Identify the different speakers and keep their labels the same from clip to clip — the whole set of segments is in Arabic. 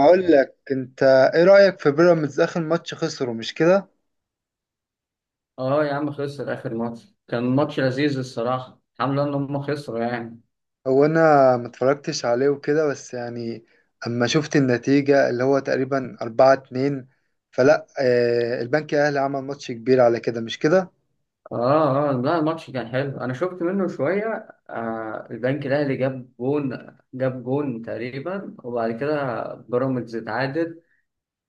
Speaker 1: اقول لك انت ايه رأيك في بيراميدز؟ اخر ماتش خسره، مش كده؟
Speaker 2: اه يا عم، خسر اخر ماتش. كان ماتش لذيذ الصراحه، الحمد لله ان هم خسروا يعني.
Speaker 1: هو انا ما اتفرجتش عليه وكده، بس يعني اما شفت النتيجة اللي هو تقريبا 4-2، فلا البنك الاهلي عمل ماتش كبير على كده، مش كده؟
Speaker 2: اه اه، لا الماتش كان حلو، انا شفت منه شويه. آه، البنك الاهلي جاب جون تقريبا، وبعد كده بيراميدز اتعادل.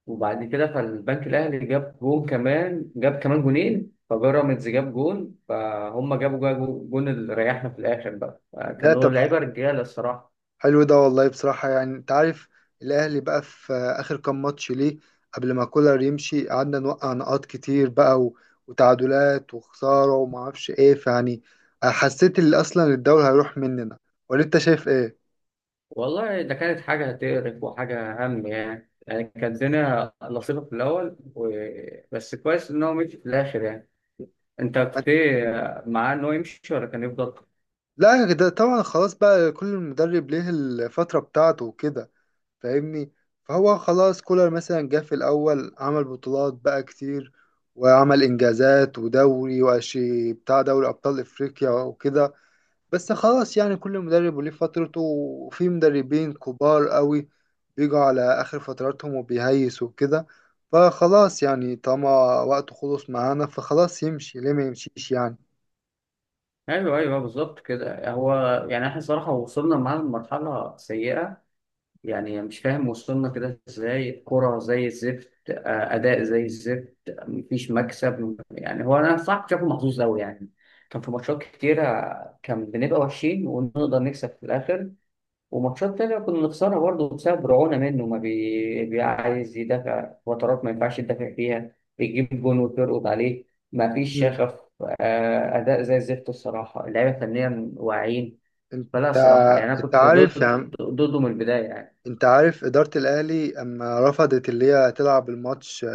Speaker 2: وبعد كده فالبنك الاهلي جاب جون كمان جاب كمان جونين، فبيراميدز جاب جون، فهم جابوا جون اللي ريحنا في الاخر بقى آه،
Speaker 1: لا
Speaker 2: كانوا
Speaker 1: طب،
Speaker 2: لعيبه رجاله الصراحه.
Speaker 1: حلو ده والله بصراحة، يعني انت عارف الاهلي بقى في اخر كام ماتش ليه، قبل ما كولر يمشي قعدنا نوقع نقاط كتير بقى وتعادلات وخسارة وما اعرفش ايه، حسيت اللي اصلا الدوري هيروح مننا، ولا انت شايف ايه؟
Speaker 2: والله ده كانت حاجة تقرف وحاجة هم يعني كانت الدنيا لطيفة في الأول بس كويس إن هو مشي في الآخر يعني. أنت كنت إيه معاه؟ إن هو يمشي ولا كان يفضل؟
Speaker 1: لا ده طبعا، خلاص بقى كل مدرب ليه الفترة بتاعته وكده، فاهمني؟ فهو خلاص كولر مثلا جه في الأول، عمل بطولات بقى كتير وعمل إنجازات ودوري وأشي بتاع دوري أبطال إفريقيا وكده، بس خلاص يعني كل مدرب وليه فترته، وفي مدربين كبار قوي بيجوا على آخر فتراتهم وبيهيسوا وكده، فخلاص يعني طالما وقته خلص معانا فخلاص يمشي، ليه ما يمشيش يعني.
Speaker 2: أيوه أيوه، بالظبط كده هو. يعني إحنا صراحة وصلنا معاه لمرحلة سيئة، يعني مش فاهم وصلنا كده إزاي. كرة زي الزفت آه، أداء زي الزفت، مفيش مكسب يعني. هو أنا صح شايفه محظوظ أوي يعني، كان في ماتشات كتيرة كان بنبقى وحشين ونقدر نكسب في الآخر، وماتشات تانية كنا بنخسرها برضه بسبب رعونة منه. ما بي... بيعايز يدافع فترات ما ينفعش يدافع فيها، بيجيب جون وترقد عليه. ما فيش شغف، آه، أداء زي الزفت الصراحة. اللعيبة فنيا واعيين.
Speaker 1: انت
Speaker 2: فلا صراحة يعني أنا
Speaker 1: انت
Speaker 2: كنت
Speaker 1: عارف يا
Speaker 2: ضد،
Speaker 1: عم،
Speaker 2: ضده من البداية يعني.
Speaker 1: انت عارف إدارة الأهلي أما رفضت اللي هي تلعب الماتش،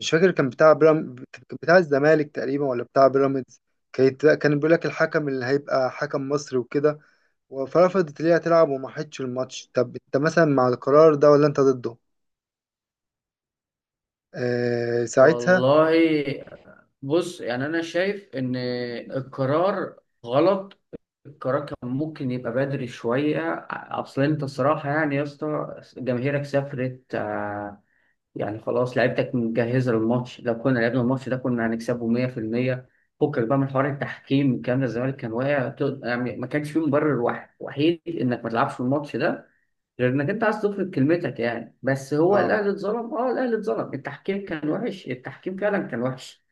Speaker 1: مش فاكر كان بتاع بيرام كان بتاع الزمالك تقريبا ولا بتاع بيراميدز، كان بيقول لك الحكم اللي هيبقى حكم مصري وكده، فرفضت اللي هي تلعب وما حدش الماتش. طب انت مثلا مع القرار ده ولا انت ضده؟ آه ساعتها.
Speaker 2: والله بص، يعني أنا شايف إن القرار غلط. القرار كان ممكن يبقى بدري شوية. أصل أنت صراحة يعني يا اسطى، جماهيرك سافرت، يعني خلاص لعيبتك مجهزة للماتش. لو كنا لعبنا الماتش ده كنا هنكسبه 100%. فكك بقى من حوار التحكيم الكلام ده. الزمالك كان واقع، يعني ما كانش فيه مبرر واحد وحيد انك ما تلعبش في الماتش ده غير انك انت عايز تفرض كلمتك يعني. بس هو
Speaker 1: آه.
Speaker 2: الاهلي اتظلم، اه الاهلي اتظلم، التحكيم كان وحش، التحكيم فعلا كان وحش.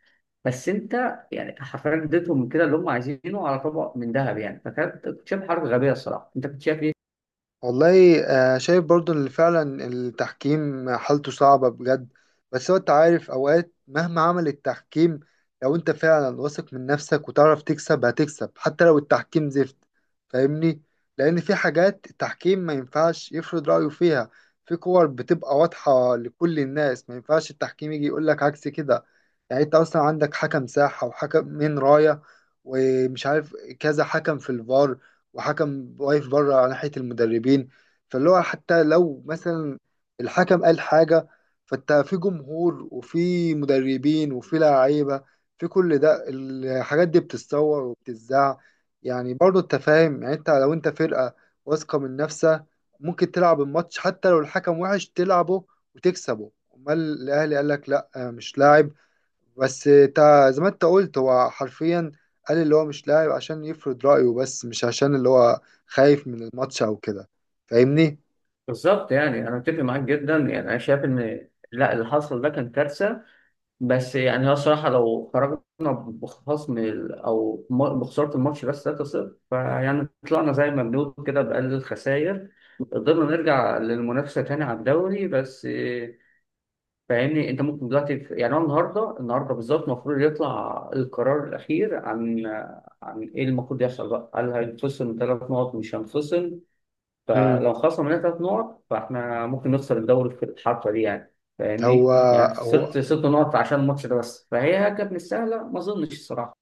Speaker 2: بس انت يعني حرفيا اديتهم من كده اللي هم عايزينه على طبق من ذهب يعني. فكانت كنت شايف حركه غبيه الصراحه. انت كنت شايف ايه؟
Speaker 1: والله آه، شايف برضو ان فعلا التحكيم حالته صعبة بجد، بس هو انت عارف اوقات مهما عمل التحكيم، لو انت فعلا واثق من نفسك وتعرف تكسب هتكسب حتى لو التحكيم زفت، فاهمني؟ لان في حاجات التحكيم ما ينفعش يفرض رأيه فيها، في كور بتبقى واضحة لكل الناس ما ينفعش التحكيم يجي يقول لك عكس كده. يعني انت اصلا عندك حكم ساحة وحكم من راية ومش عارف كذا حكم في الفار، وحكم واقف بره على ناحية المدربين، فاللي هو حتى لو مثلا الحكم قال حاجة، فانت في جمهور وفي مدربين وفي لعيبة، في كل ده الحاجات دي بتتصور وبتتذاع، يعني برضه انت فاهم. يعني انت لو انت فرقة واثقة من نفسها ممكن تلعب الماتش حتى لو الحكم وحش، تلعبه وتكسبه. امال الاهلي قال لك لا مش لاعب بس، تا زي ما انت قلت هو حرفيا قال اللي هو مش لاعب عشان يفرض رأيه، بس مش عشان اللي هو خايف من الماتش او كده، فاهمني؟
Speaker 2: بالظبط يعني انا متفق معاك جدا، يعني انا شايف ان لا اللي حصل ده كان كارثه. بس يعني هو الصراحة لو خرجنا بخصم ال- أو م- بخسارة الماتش بس 3-0، فيعني طلعنا زي ما بنقول كده بأقل الخسائر، قدرنا نرجع للمنافسة تاني على الدوري. بس إيه، فاهمني. أنت ممكن دلوقتي يعني هو النهاردة، النهاردة بالظبط المفروض يطلع القرار الأخير عن إيه المفروض يحصل بقى. هل هينفصل من 3 نقط مش هينفصل؟
Speaker 1: امم،
Speaker 2: فلو خسرنا مننا 3 نقط فاحنا ممكن نخسر الدوري في الحركه دي يعني.
Speaker 1: هو
Speaker 2: فاهمني؟ يعني
Speaker 1: هو
Speaker 2: خسرت 6 نقط عشان الماتش ده بس، فهي كانت مش سهله ما اظنش الصراحه.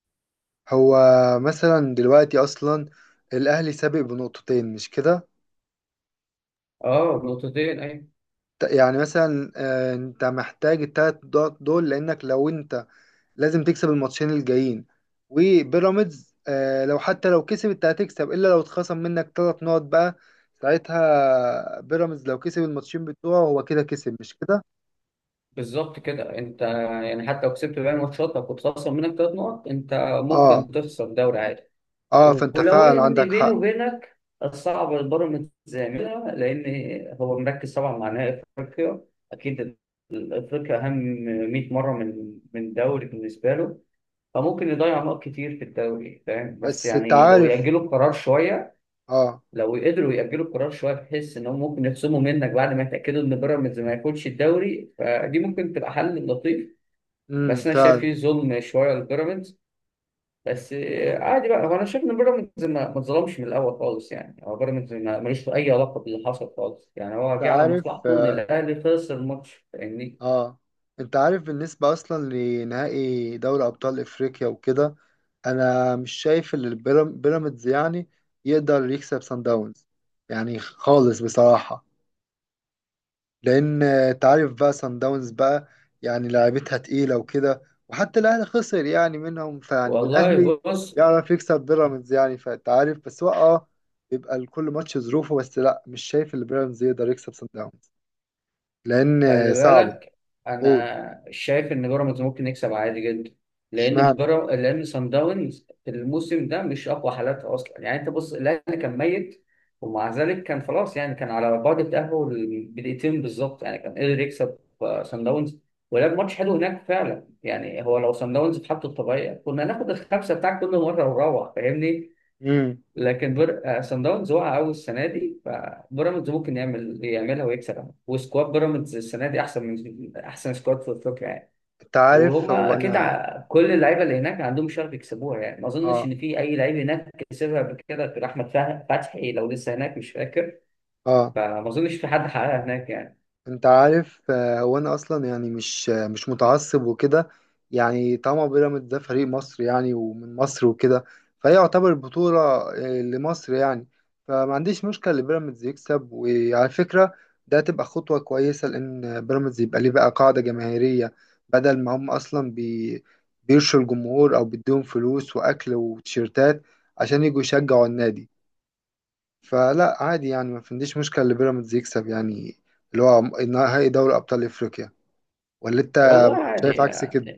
Speaker 1: هو مثلا دلوقتي اصلا الاهلي سابق بـ2 نقطة، مش كده؟
Speaker 2: اه نقطتين اي.
Speaker 1: يعني مثلا آه، انت محتاج ال3 نقط دول، لانك لو انت لازم تكسب الماتشين الجايين، وبيراميدز آه، لو حتى لو كسبت هتكسب الا لو اتخصم منك 3 نقط بقى، ساعتها بيراميدز لو كسب الماتشين بتوعه هو كده كسب، مش كده؟
Speaker 2: بالظبط كده انت، يعني حتى لو كسبت باقي الماتشات لو كنت خسر منك 3 نقط انت ممكن
Speaker 1: اه
Speaker 2: تخسر الدوري عادي.
Speaker 1: اه، فانت
Speaker 2: ولو
Speaker 1: فعلا
Speaker 2: ان
Speaker 1: عندك
Speaker 2: بيني
Speaker 1: حق.
Speaker 2: وبينك، الصعب البيراميدز يعملها، لان هو مركز طبعا مع نهائي افريقيا. اكيد افريقيا اهم 100 مره من دوري بالنسبه له. فممكن يضيع نقط كتير في الدوري فاهم. بس
Speaker 1: بس انت
Speaker 2: يعني لو
Speaker 1: عارف،
Speaker 2: يأجلوا القرار شوية،
Speaker 1: اه.
Speaker 2: لو قدروا يأجلوا القرار شوية بحيث إنهم ممكن يخصموا منك بعد ما يتأكدوا إن بيراميدز ما ياخدش الدوري، فدي ممكن تبقى حل لطيف. بس أنا شايف
Speaker 1: فعلا.
Speaker 2: فيه ظلم شوية لبيراميدز. بس آه، عادي بقى. هو أنا شايف إن بيراميدز ما اتظلمش من الأول خالص يعني. هو بيراميدز ملوش أي علاقة باللي حصل خالص يعني.
Speaker 1: انت
Speaker 2: هو جه على
Speaker 1: عارف
Speaker 2: مصلحته إن
Speaker 1: اه.
Speaker 2: الأهلي خسر الماتش، فاهمني.
Speaker 1: آه، انت عارف بالنسبة اصلا لنهائي دوري ابطال افريقيا وكده، انا مش شايف ان بيراميدز يعني يقدر يكسب سان داونز، يعني خالص بصراحة، لان انت عارف بقى سان داونز بقى يعني لعيبتها تقيله وكده، وحتى الاهلي خسر يعني منهم،
Speaker 2: والله
Speaker 1: والاهلي
Speaker 2: بص،
Speaker 1: يعرف يكسب بيراميدز يعني، فانت عارف، بس هو اه بيبقى لكل ماتش ظروفه، بس لا مش شايف ان بيراميدز يقدر يكسب سان داونز لان آه،
Speaker 2: خلي
Speaker 1: صعبه.
Speaker 2: بالك،
Speaker 1: قول.
Speaker 2: انا شايف ان بيراميدز ممكن يكسب عادي جدا. لان
Speaker 1: اشمعنى.
Speaker 2: بيراميدز، لان سان داونز في الموسم ده مش اقوى حالاتها اصلا يعني. انت بص، الاهلي كان ميت، ومع ذلك كان خلاص يعني، كان على بعد التاهل بدقيقتين بالظبط يعني. كان قدر يكسب آه، سان داونز، ولعب ماتش حلو هناك فعلا يعني. هو لو سان داونز في حالته الطبيعيه كنا ناخد الخمسه بتاعك كل مره ونروح، فاهمني.
Speaker 1: امم.
Speaker 2: لكن سان داونز وقع قوي السنه دي، فبيراميدز ممكن يعملها ويكسبها. وسكواد بيراميدز السنه دي احسن من احسن سكواد في افريقيا يعني.
Speaker 1: انت عارف
Speaker 2: وهم
Speaker 1: هو
Speaker 2: اكيد
Speaker 1: انا
Speaker 2: كل اللعيبه اللي هناك عندهم شغف يكسبوها يعني. ما اظنش
Speaker 1: اه.
Speaker 2: ان في اي لعيب هناك كسبها قبل كده غير احمد فتحي، لو لسه هناك مش فاكر.
Speaker 1: اه
Speaker 2: فما اظنش في حد حققها هناك يعني.
Speaker 1: انت عارف آه، هو انا اصلا يعني مش آه، مش متعصب وكده، يعني طبعا بيراميدز ده فريق مصر، يعني ومن مصر وكده، فهي يعتبر بطولة آه، لمصر يعني، فما عنديش مشكلة لبيراميدز يكسب. وعلى فكرة ده تبقى خطوة كويسة، لان بيراميدز يبقى ليه بقى قاعدة جماهيرية، بدل ما هم اصلا بيرشوا الجمهور او بيديهم فلوس واكل وتيشيرتات عشان يجوا يشجعوا النادي، فلا عادي يعني، ما عنديش مشكلة اللي بيراميدز يكسب يعني اللي هو نهائي دوري أبطال أفريقيا، ولا أنت
Speaker 2: والله عادي
Speaker 1: شايف عكس
Speaker 2: يعني.
Speaker 1: كده؟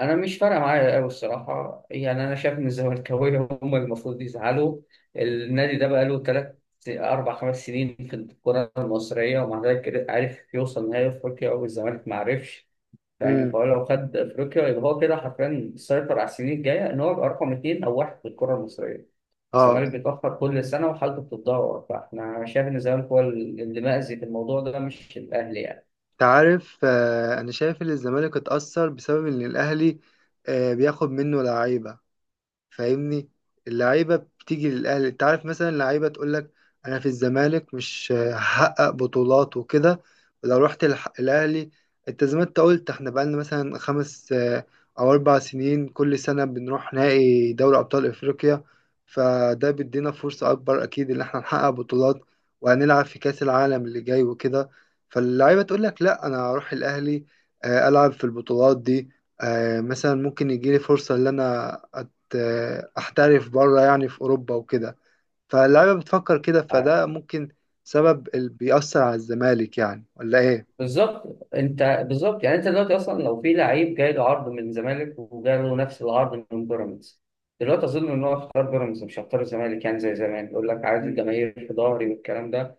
Speaker 2: انا مش فارقه معايا قوي الصراحه يعني. انا شايف ان الزملكاويه هم المفروض يزعلوا. النادي ده بقاله ثلاث، اربع، خمس سنين في الكره المصريه ومع ذلك عرف يوصل نهائي افريقيا والزمالك ما عرفش يعني.
Speaker 1: امم.
Speaker 2: فهو لو خد افريقيا يبقى هو كده حرفيا سيطر على السنين الجايه، ان هو يبقى رقم اثنين او واحد في الكره المصريه.
Speaker 1: اه
Speaker 2: الزمالك بيتاخر كل سنه وحالته بتتدهور. فاحنا شايف ان الزمالك هو اللي مأذي في الموضوع ده مش الاهلي يعني.
Speaker 1: انت عارف آه، انا شايف ان الزمالك اتأثر بسبب ان الاهلي آه، بياخد منه لعيبة، فاهمني؟ اللعيبه بتيجي للاهلي، انت عارف مثلا اللعيبه تقول لك انا في الزمالك مش هحقق بطولات وكده، ولو رحت الاهلي، انت زي ما انت قلت احنا بقالنا مثلا 5 آه، او 4 سنين كل سنه بنروح نهائي دوري ابطال افريقيا، فده بيدينا فرصه اكبر اكيد ان احنا نحقق بطولات، وهنلعب في كاس العالم اللي جاي وكده، فاللعيبه تقول لك لا انا هروح الاهلي آه، العب في البطولات دي، آه، مثلا ممكن يجيلي فرصه ان انا آه، احترف بره يعني في اوروبا وكده، فاللعيبه بتفكر كده، فده ممكن سبب اللي بيأثر على الزمالك يعني، ولا ايه؟
Speaker 2: بالظبط انت بالظبط يعني. انت دلوقتي اصلا لو في لعيب جاي له عرض من الزمالك وجاي له نفس العرض من بيراميدز، دلوقتي اظن ان هو اختار بيراميدز، مش هيختار الزمالك يعني زي زمان يقول لك عايز
Speaker 1: مم.
Speaker 2: الجماهير في ظهري والكلام ده.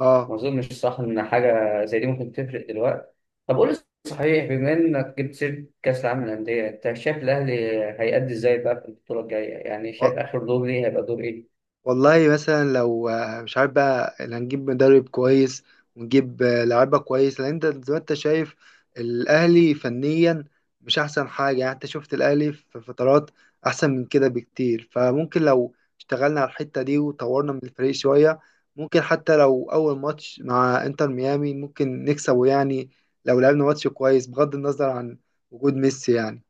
Speaker 1: اه
Speaker 2: ما اظنش صح ان حاجه زي دي ممكن تفرق دلوقتي. طب قول لي صحيح، بما انك جبت سيره كاس العالم للانديه، انت شايف الاهلي هيأدي ازاي بقى في البطوله الجايه؟ يعني شايف اخر دور ليه هيبقى دور ايه؟
Speaker 1: والله مثلا لو آه، مش عارف بقى اللي هنجيب مدرب كويس ونجيب آه، لعيبه كويس، لان انت زي ما انت شايف الاهلي فنيا مش احسن حاجه، يعني انت شفت الاهلي في فترات احسن من كده بكتير، فممكن لو اشتغلنا على الحته دي وطورنا من الفريق شويه، ممكن حتى لو اول ماتش مع انتر ميامي ممكن نكسبه، يعني لو لعبنا ماتش كويس بغض النظر عن وجود ميسي يعني.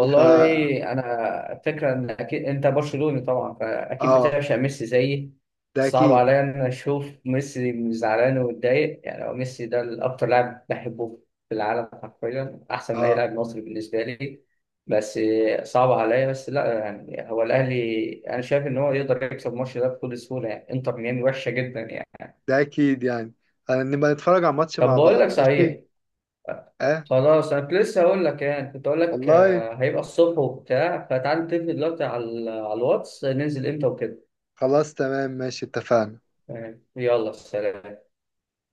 Speaker 1: ف
Speaker 2: انا فكره ان اكيد انت برشلوني طبعا، فاكيد
Speaker 1: اه
Speaker 2: بتعشق ميسي زيي.
Speaker 1: ده
Speaker 2: صعب
Speaker 1: اكيد
Speaker 2: عليا ان اشوف ميسي زعلان ومتضايق يعني. هو ميسي ده الاكتر لاعب بحبه في العالم، حرفيا احسن من اي
Speaker 1: اه
Speaker 2: لاعب مصري بالنسبه لي. بس صعب عليا. بس لا يعني هو الاهلي انا شايف ان هو يقدر يكسب الماتش ده بكل سهوله يعني. انتر ميامي وحشه جدا يعني.
Speaker 1: ده اكيد يعني، هنبقى نتفرج على الماتش
Speaker 2: طب
Speaker 1: مع
Speaker 2: بقول
Speaker 1: بعض
Speaker 2: لك
Speaker 1: ماشي.
Speaker 2: صحيح،
Speaker 1: اه
Speaker 2: خلاص انا كنت لسه هقول لك يعني، كنت هقول لك
Speaker 1: والله،
Speaker 2: آه، هيبقى الصبح وبتاع، فتعال نتفق دلوقتي على الواتس ننزل امتى وكده.
Speaker 1: خلاص تمام ماشي، اتفقنا.
Speaker 2: يعني يلا سلام.